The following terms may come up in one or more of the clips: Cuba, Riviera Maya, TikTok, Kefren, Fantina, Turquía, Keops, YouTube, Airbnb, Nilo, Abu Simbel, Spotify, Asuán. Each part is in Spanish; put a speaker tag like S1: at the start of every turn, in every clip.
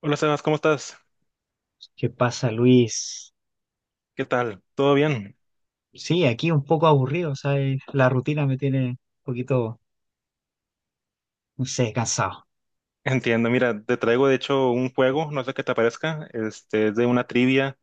S1: Hola Sebas, ¿cómo estás?
S2: ¿Qué pasa, Luis?
S1: ¿Qué tal? ¿Todo bien?
S2: Sí, aquí un poco aburrido, o sea, la rutina me tiene un poquito, no sé, cansado.
S1: Entiendo, mira, te traigo de hecho un juego, no sé qué te parezca, este, es de una trivia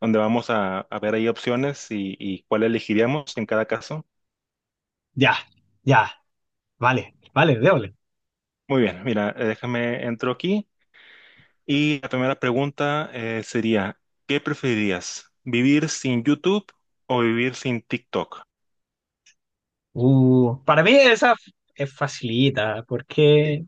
S1: donde vamos a ver ahí opciones y cuál elegiríamos en cada caso.
S2: Ya, ya, vale, vale, déjole.
S1: Muy bien, mira, déjame entro aquí y la primera pregunta sería, ¿qué preferirías? ¿Vivir sin YouTube o vivir sin TikTok?
S2: Para mí esa es facilita, porque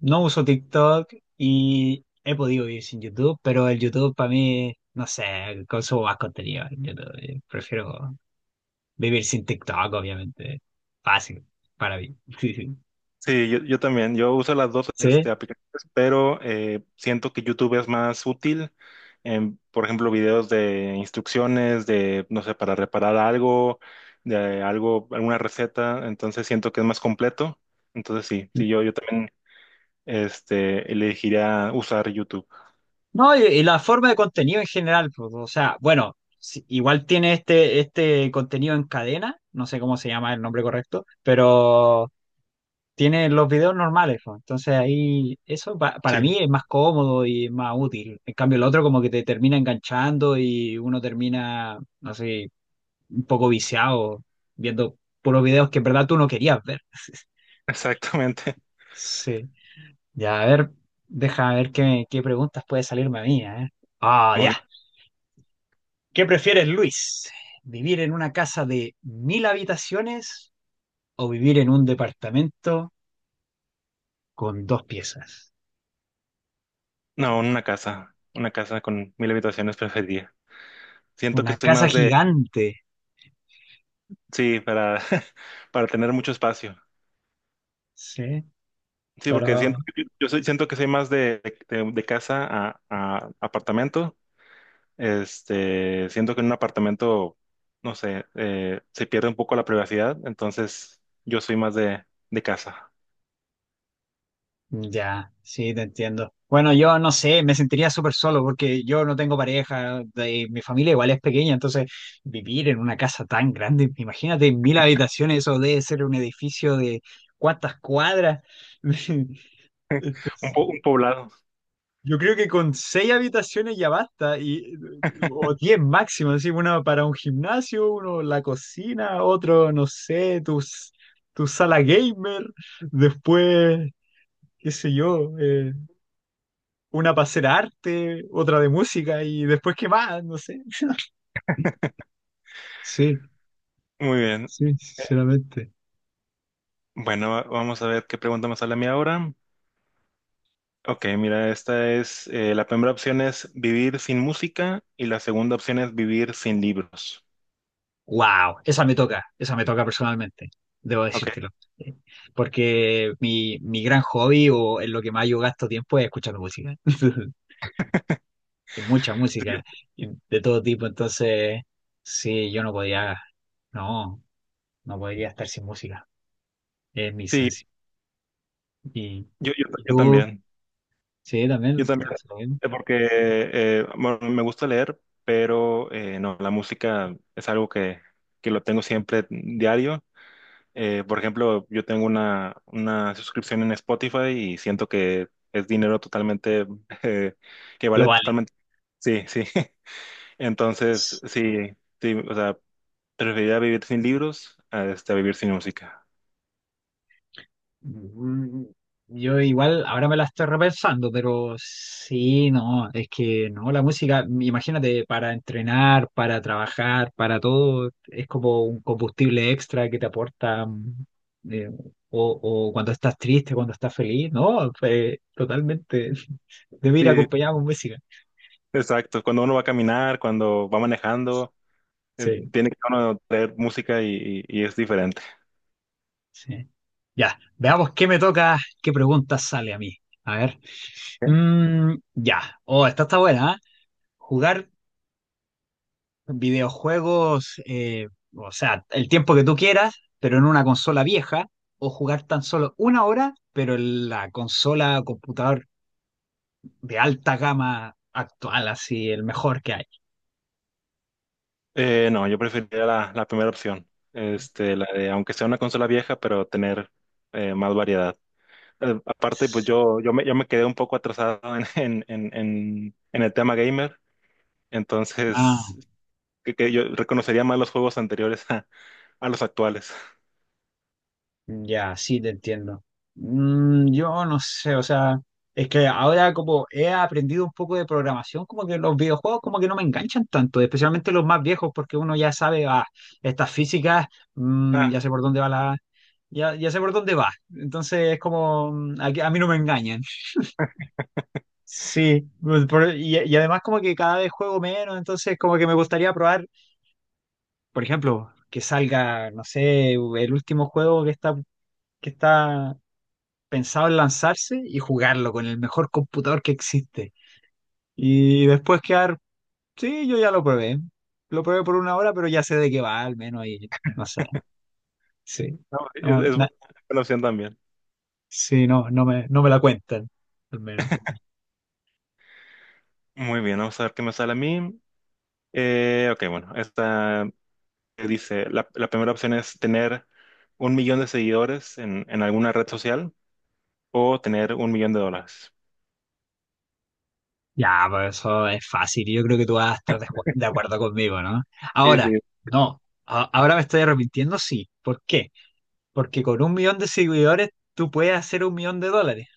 S2: no uso TikTok y he podido vivir sin YouTube, pero el YouTube para mí, no sé, consumo más contenido en YouTube. Prefiero vivir sin TikTok, obviamente. Fácil, para mí. ¿Sí?
S1: Sí, yo también, yo uso las dos este,
S2: ¿Sí?
S1: aplicaciones, pero siento que YouTube es más útil en, por ejemplo, videos de instrucciones, de, no sé, para reparar algo, de algo, alguna receta, entonces siento que es más completo. Entonces sí, sí, yo también este, elegiría usar YouTube.
S2: No, y la forma de contenido en general, pues, o sea, bueno, igual tiene este, este contenido en cadena, no sé cómo se llama el nombre correcto, pero tiene los videos normales, pues, entonces ahí eso
S1: Sí,
S2: para mí es más cómodo y es más útil. En cambio, el otro como que te termina enganchando y uno termina, no sé, un poco viciado viendo puros videos que en verdad tú no querías ver.
S1: exactamente.
S2: Sí, ya, a ver, deja ver qué preguntas puede salirme a mí, ¿eh? Ah, ya.
S1: Bien.
S2: ¿Qué prefieres, Luis? ¿Vivir en una casa de 1000 habitaciones o vivir en un departamento con dos piezas?
S1: No, una casa con mil habitaciones preferiría. Siento que
S2: Una
S1: estoy
S2: casa
S1: más de,
S2: gigante,
S1: sí, para, para tener mucho espacio.
S2: ¿sí?
S1: Sí, porque
S2: Pero
S1: siento, yo soy, siento que soy más de, de casa a apartamento. Este, siento que en un apartamento, no sé, se pierde un poco la privacidad, entonces yo soy más de casa.
S2: ya, sí, te entiendo. Bueno, yo no sé, me sentiría súper solo porque yo no tengo pareja, mi familia igual es pequeña, entonces vivir en una casa tan grande, imagínate 1000 habitaciones, eso debe ser un edificio de cuántas cuadras.
S1: Un,
S2: Entonces,
S1: un poblado.
S2: yo creo que con 6 habitaciones ya basta, y, o 10 máximo, así, una para un gimnasio, uno la cocina, otro, no sé, tu sala gamer, después, qué sé yo, una para hacer arte, otra de música, y después qué más, no sé. Sí,
S1: Muy bien.
S2: sí, sinceramente.
S1: Bueno, vamos a ver qué pregunta me sale a mí ahora. Ok, mira, esta es, la primera opción es vivir sin música y la segunda opción es vivir sin libros.
S2: Wow, esa me toca personalmente, debo
S1: Ok,
S2: decírtelo. Porque mi gran hobby o en lo que más yo gasto tiempo es escuchando música. Y mucha
S1: sí, yo,
S2: música y de todo tipo. Entonces, sí, yo no podía, no, no podría estar sin música. Es mi
S1: sí,
S2: esencia. Y,
S1: yo,
S2: y
S1: yo
S2: tú,
S1: también.
S2: sí,
S1: Yo
S2: también te
S1: también,
S2: pasa lo mismo.
S1: porque bueno, me gusta leer, pero no, la música es algo que lo tengo siempre diario. Por ejemplo, yo tengo una suscripción en Spotify y siento que es dinero totalmente, eh, que
S2: Lo
S1: vale
S2: vale.
S1: totalmente. Sí, sí. Entonces, sí, sí, o sea, preferiría vivir sin libros a este, a vivir sin música.
S2: Mm, yo igual ahora me la estoy repensando, pero sí, no, es que no, la música, imagínate, para entrenar, para trabajar, para todo, es como un combustible extra que te aporta, eh, o, o cuando estás triste, cuando estás feliz, no, pues, totalmente, debe ir
S1: Sí,
S2: acompañado con música.
S1: exacto. Cuando uno va a caminar, cuando va manejando.
S2: Sí,
S1: Tiene que uno traer música y es diferente.
S2: sí. Ya, veamos qué me toca, qué pregunta sale a mí. A ver,
S1: ¿Qué?
S2: mm, ya, oh, esta está buena, ¿ah? Jugar videojuegos, o sea, el tiempo que tú quieras, pero en una consola vieja, o jugar tan solo 1 hora, pero en la consola, o computador de alta gama actual, así, el mejor que hay.
S1: No, yo preferiría la, la primera opción. Este, la de, aunque sea una consola vieja, pero tener más variedad. Aparte, pues yo, yo me quedé un poco atrasado en, en el tema gamer.
S2: Ah,
S1: Entonces, que yo reconocería más los juegos anteriores a los actuales.
S2: ya, sí, te entiendo. Mm, yo no sé, o sea, es que ahora como he aprendido un poco de programación, como que los videojuegos como que no me enganchan tanto, especialmente los más viejos, porque uno ya sabe, ah, estas físicas, mm,
S1: Ah,
S2: ya sé por dónde va la... Ya, ya sé por dónde va. Entonces es como, mm, a mí no me engañan. Sí, pues, y además como que cada vez juego menos, entonces como que me gustaría probar, por ejemplo, que salga, no sé, el último juego que está pensado en lanzarse y jugarlo con el mejor computador que existe. Y después quedar, sí, yo ya lo probé. Lo probé por 1 hora, pero ya sé de qué va, al menos, y no sé. Sí.
S1: no,
S2: No,
S1: es buena opción también.
S2: sí, no, no me la cuentan, al menos.
S1: Muy bien, vamos a ver qué me sale a mí. Ok, bueno, esta dice, la primera opción es tener un millón de seguidores en alguna red social o tener un millón de dólares.
S2: Ya, pues eso es fácil. Y yo creo que tú vas a estar de acuerdo conmigo, ¿no?
S1: Sí,
S2: Ahora,
S1: sí.
S2: no. Ahora me estoy arrepintiendo, sí. ¿Por qué? Porque con 1 millón de seguidores tú puedes hacer 1 millón de dólares.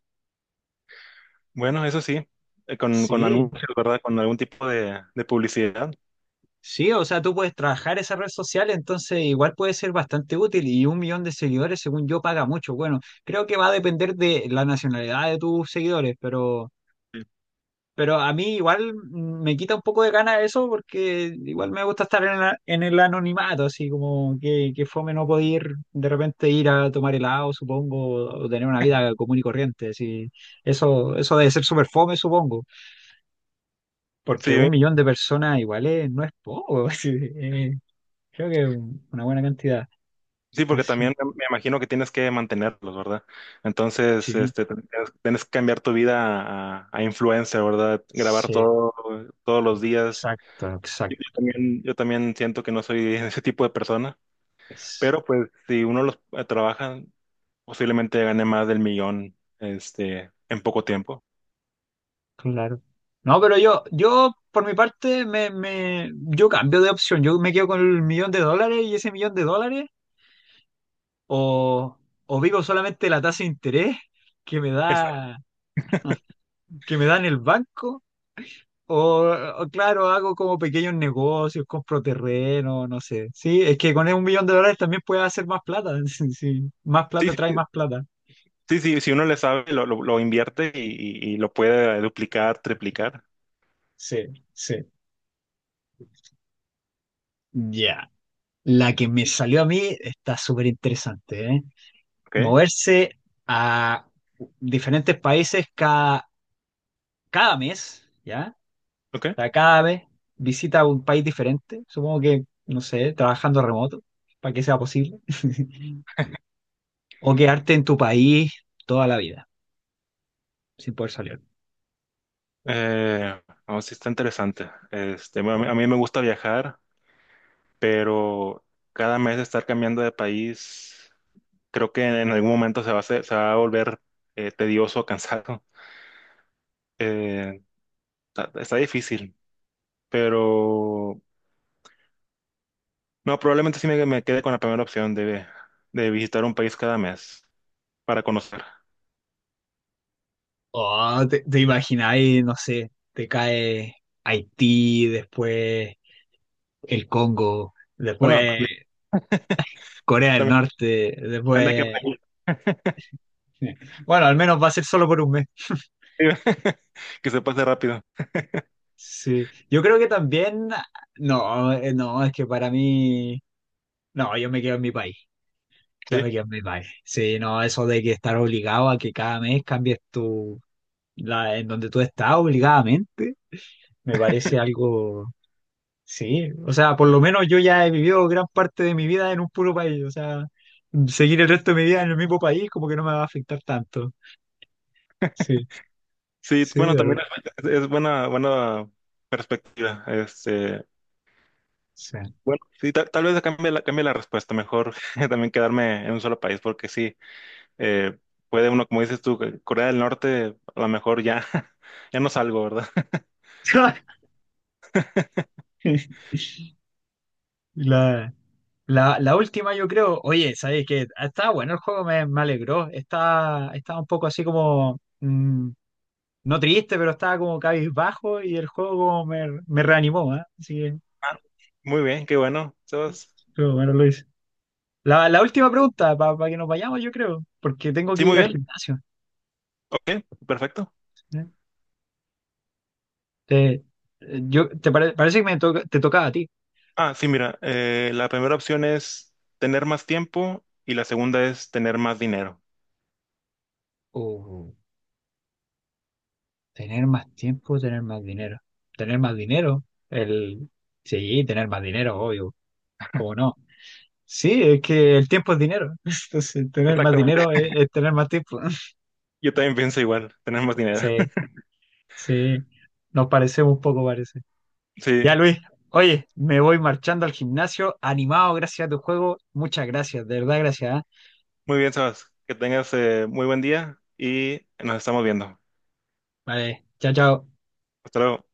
S1: Bueno, eso sí, con
S2: Sí.
S1: anuncios, ¿verdad? Con algún tipo de publicidad.
S2: Sí, o sea, tú puedes trabajar esa red social, entonces igual puede ser bastante útil y 1 millón de seguidores, según yo, paga mucho. Bueno, creo que va a depender de la nacionalidad de tus seguidores,
S1: Sí,
S2: pero a mí igual me quita un poco de gana eso porque igual me gusta estar en, en el anonimato, así como que fome no poder ir, de repente ir a tomar helado, supongo, o tener una vida común y corriente. Así. Eso debe ser súper fome, supongo, porque
S1: sí,
S2: 1 millón de personas igual no es poco. Así, eh. Creo que una buena cantidad.
S1: sí, porque
S2: Así,
S1: también me imagino que tienes que mantenerlos, ¿verdad? Entonces,
S2: sí,
S1: este, tienes, tienes que cambiar tu vida a influencer, ¿verdad? Grabar
S2: sí,
S1: todo, todos los días.
S2: exacto,
S1: Yo,
S2: exacto.
S1: yo también siento que no soy ese tipo de persona,
S2: Es
S1: pero pues si uno los trabaja posiblemente gane más del millón, este, en poco tiempo.
S2: claro. No, pero yo por mi parte, yo cambio de opción. Yo me quedo con el 1 millón de dólares y ese 1 millón de dólares, o, o vivo solamente la tasa de interés que me
S1: Exacto.
S2: da, que me da en el banco, o, o claro, hago como pequeños negocios, compro terreno, no sé. Sí, es que con 1 millón de dólares también puedes hacer más plata. Sí, sí. Más
S1: Sí,
S2: plata trae más plata.
S1: sí, sí, si uno le sabe, lo invierte y, y lo puede duplicar, triplicar.
S2: Sí, sí. Ya, la que me salió a mí está súper interesante, ¿eh?
S1: ¿Ok?
S2: Moverse a diferentes países cada mes, ¿ya?
S1: ¿Ok?
S2: O sea, cada vez visita un país diferente, supongo que, no sé, trabajando remoto, para que sea posible. O quedarte en tu país toda la vida, sin poder salir.
S1: No, sí está interesante. Este, bueno, a mí me gusta viajar, pero cada mes estar cambiando de país, creo que en algún momento se va a se va a volver tedioso, cansado. Eh, está, está difícil, pero no, probablemente sí me quede con la primera opción de visitar un país cada mes para conocer.
S2: Oh, te imagináis, no sé, te cae Haití, después el Congo,
S1: Bueno,
S2: después
S1: también,
S2: Corea del
S1: también
S2: Norte,
S1: depende de qué
S2: después Bueno, al menos va a ser solo por un mes.
S1: país, que se pase rápido.
S2: Sí. Yo creo que también. No, no, es que para mí. No, yo me quedo en mi país. Ya
S1: Sí,
S2: me quedo en mi país. Sí, no, eso de que estar obligado a que cada mes cambies tu. La, en donde tú estás obligadamente, me parece algo. Sí, o sea, por lo menos yo ya he vivido gran parte de mi vida en un puro país. O sea, seguir el resto de mi vida en el mismo país, como que no me va a afectar tanto. Sí,
S1: sí,
S2: sí, de
S1: bueno,
S2: verdad.
S1: también es buena, buena perspectiva. Este, bueno, sí, tal, tal vez cambie la respuesta. Mejor también quedarme en un solo país, porque sí, eh, puede uno, como dices tú, Corea del Norte, a lo mejor ya, ya no salgo, ¿verdad?
S2: Sí. La- la última, yo creo, oye, ¿sabes qué? Está bueno el juego, me alegró. Está, estaba un poco así como, mm, no triste, pero estaba como cabizbajo y el juego como me reanimó, ¿eh? Así que,
S1: Ah, muy bien, qué bueno, Sebas.
S2: pero bueno, Luis. La última pregunta, para que nos vayamos, yo creo, porque tengo
S1: Sí,
S2: que
S1: muy
S2: ir al
S1: bien.
S2: gimnasio.
S1: Ok, perfecto.
S2: ¿Eh? Te, yo, te parece que me te tocaba a ti.
S1: Ah, sí, mira, la primera opción es tener más tiempo y la segunda es tener más dinero.
S2: Oh, tener más tiempo, tener más dinero. Tener más dinero, el... Sí, tener más dinero, obvio. ¿Cómo no? Sí, es que el tiempo es dinero. Entonces, tener más
S1: Exactamente.
S2: dinero es tener más tiempo.
S1: Yo también pienso igual, tener más dinero.
S2: Sí, sí. Nos parecemos un poco, parece.
S1: Sí,
S2: Ya, Luis. Oye, me voy marchando al gimnasio, animado gracias a tu juego. Muchas gracias, de verdad, gracias. ¿Ah?
S1: muy bien, Sabas. Que tengas muy buen día y nos estamos viendo.
S2: Vale, chao, chao.
S1: Hasta luego.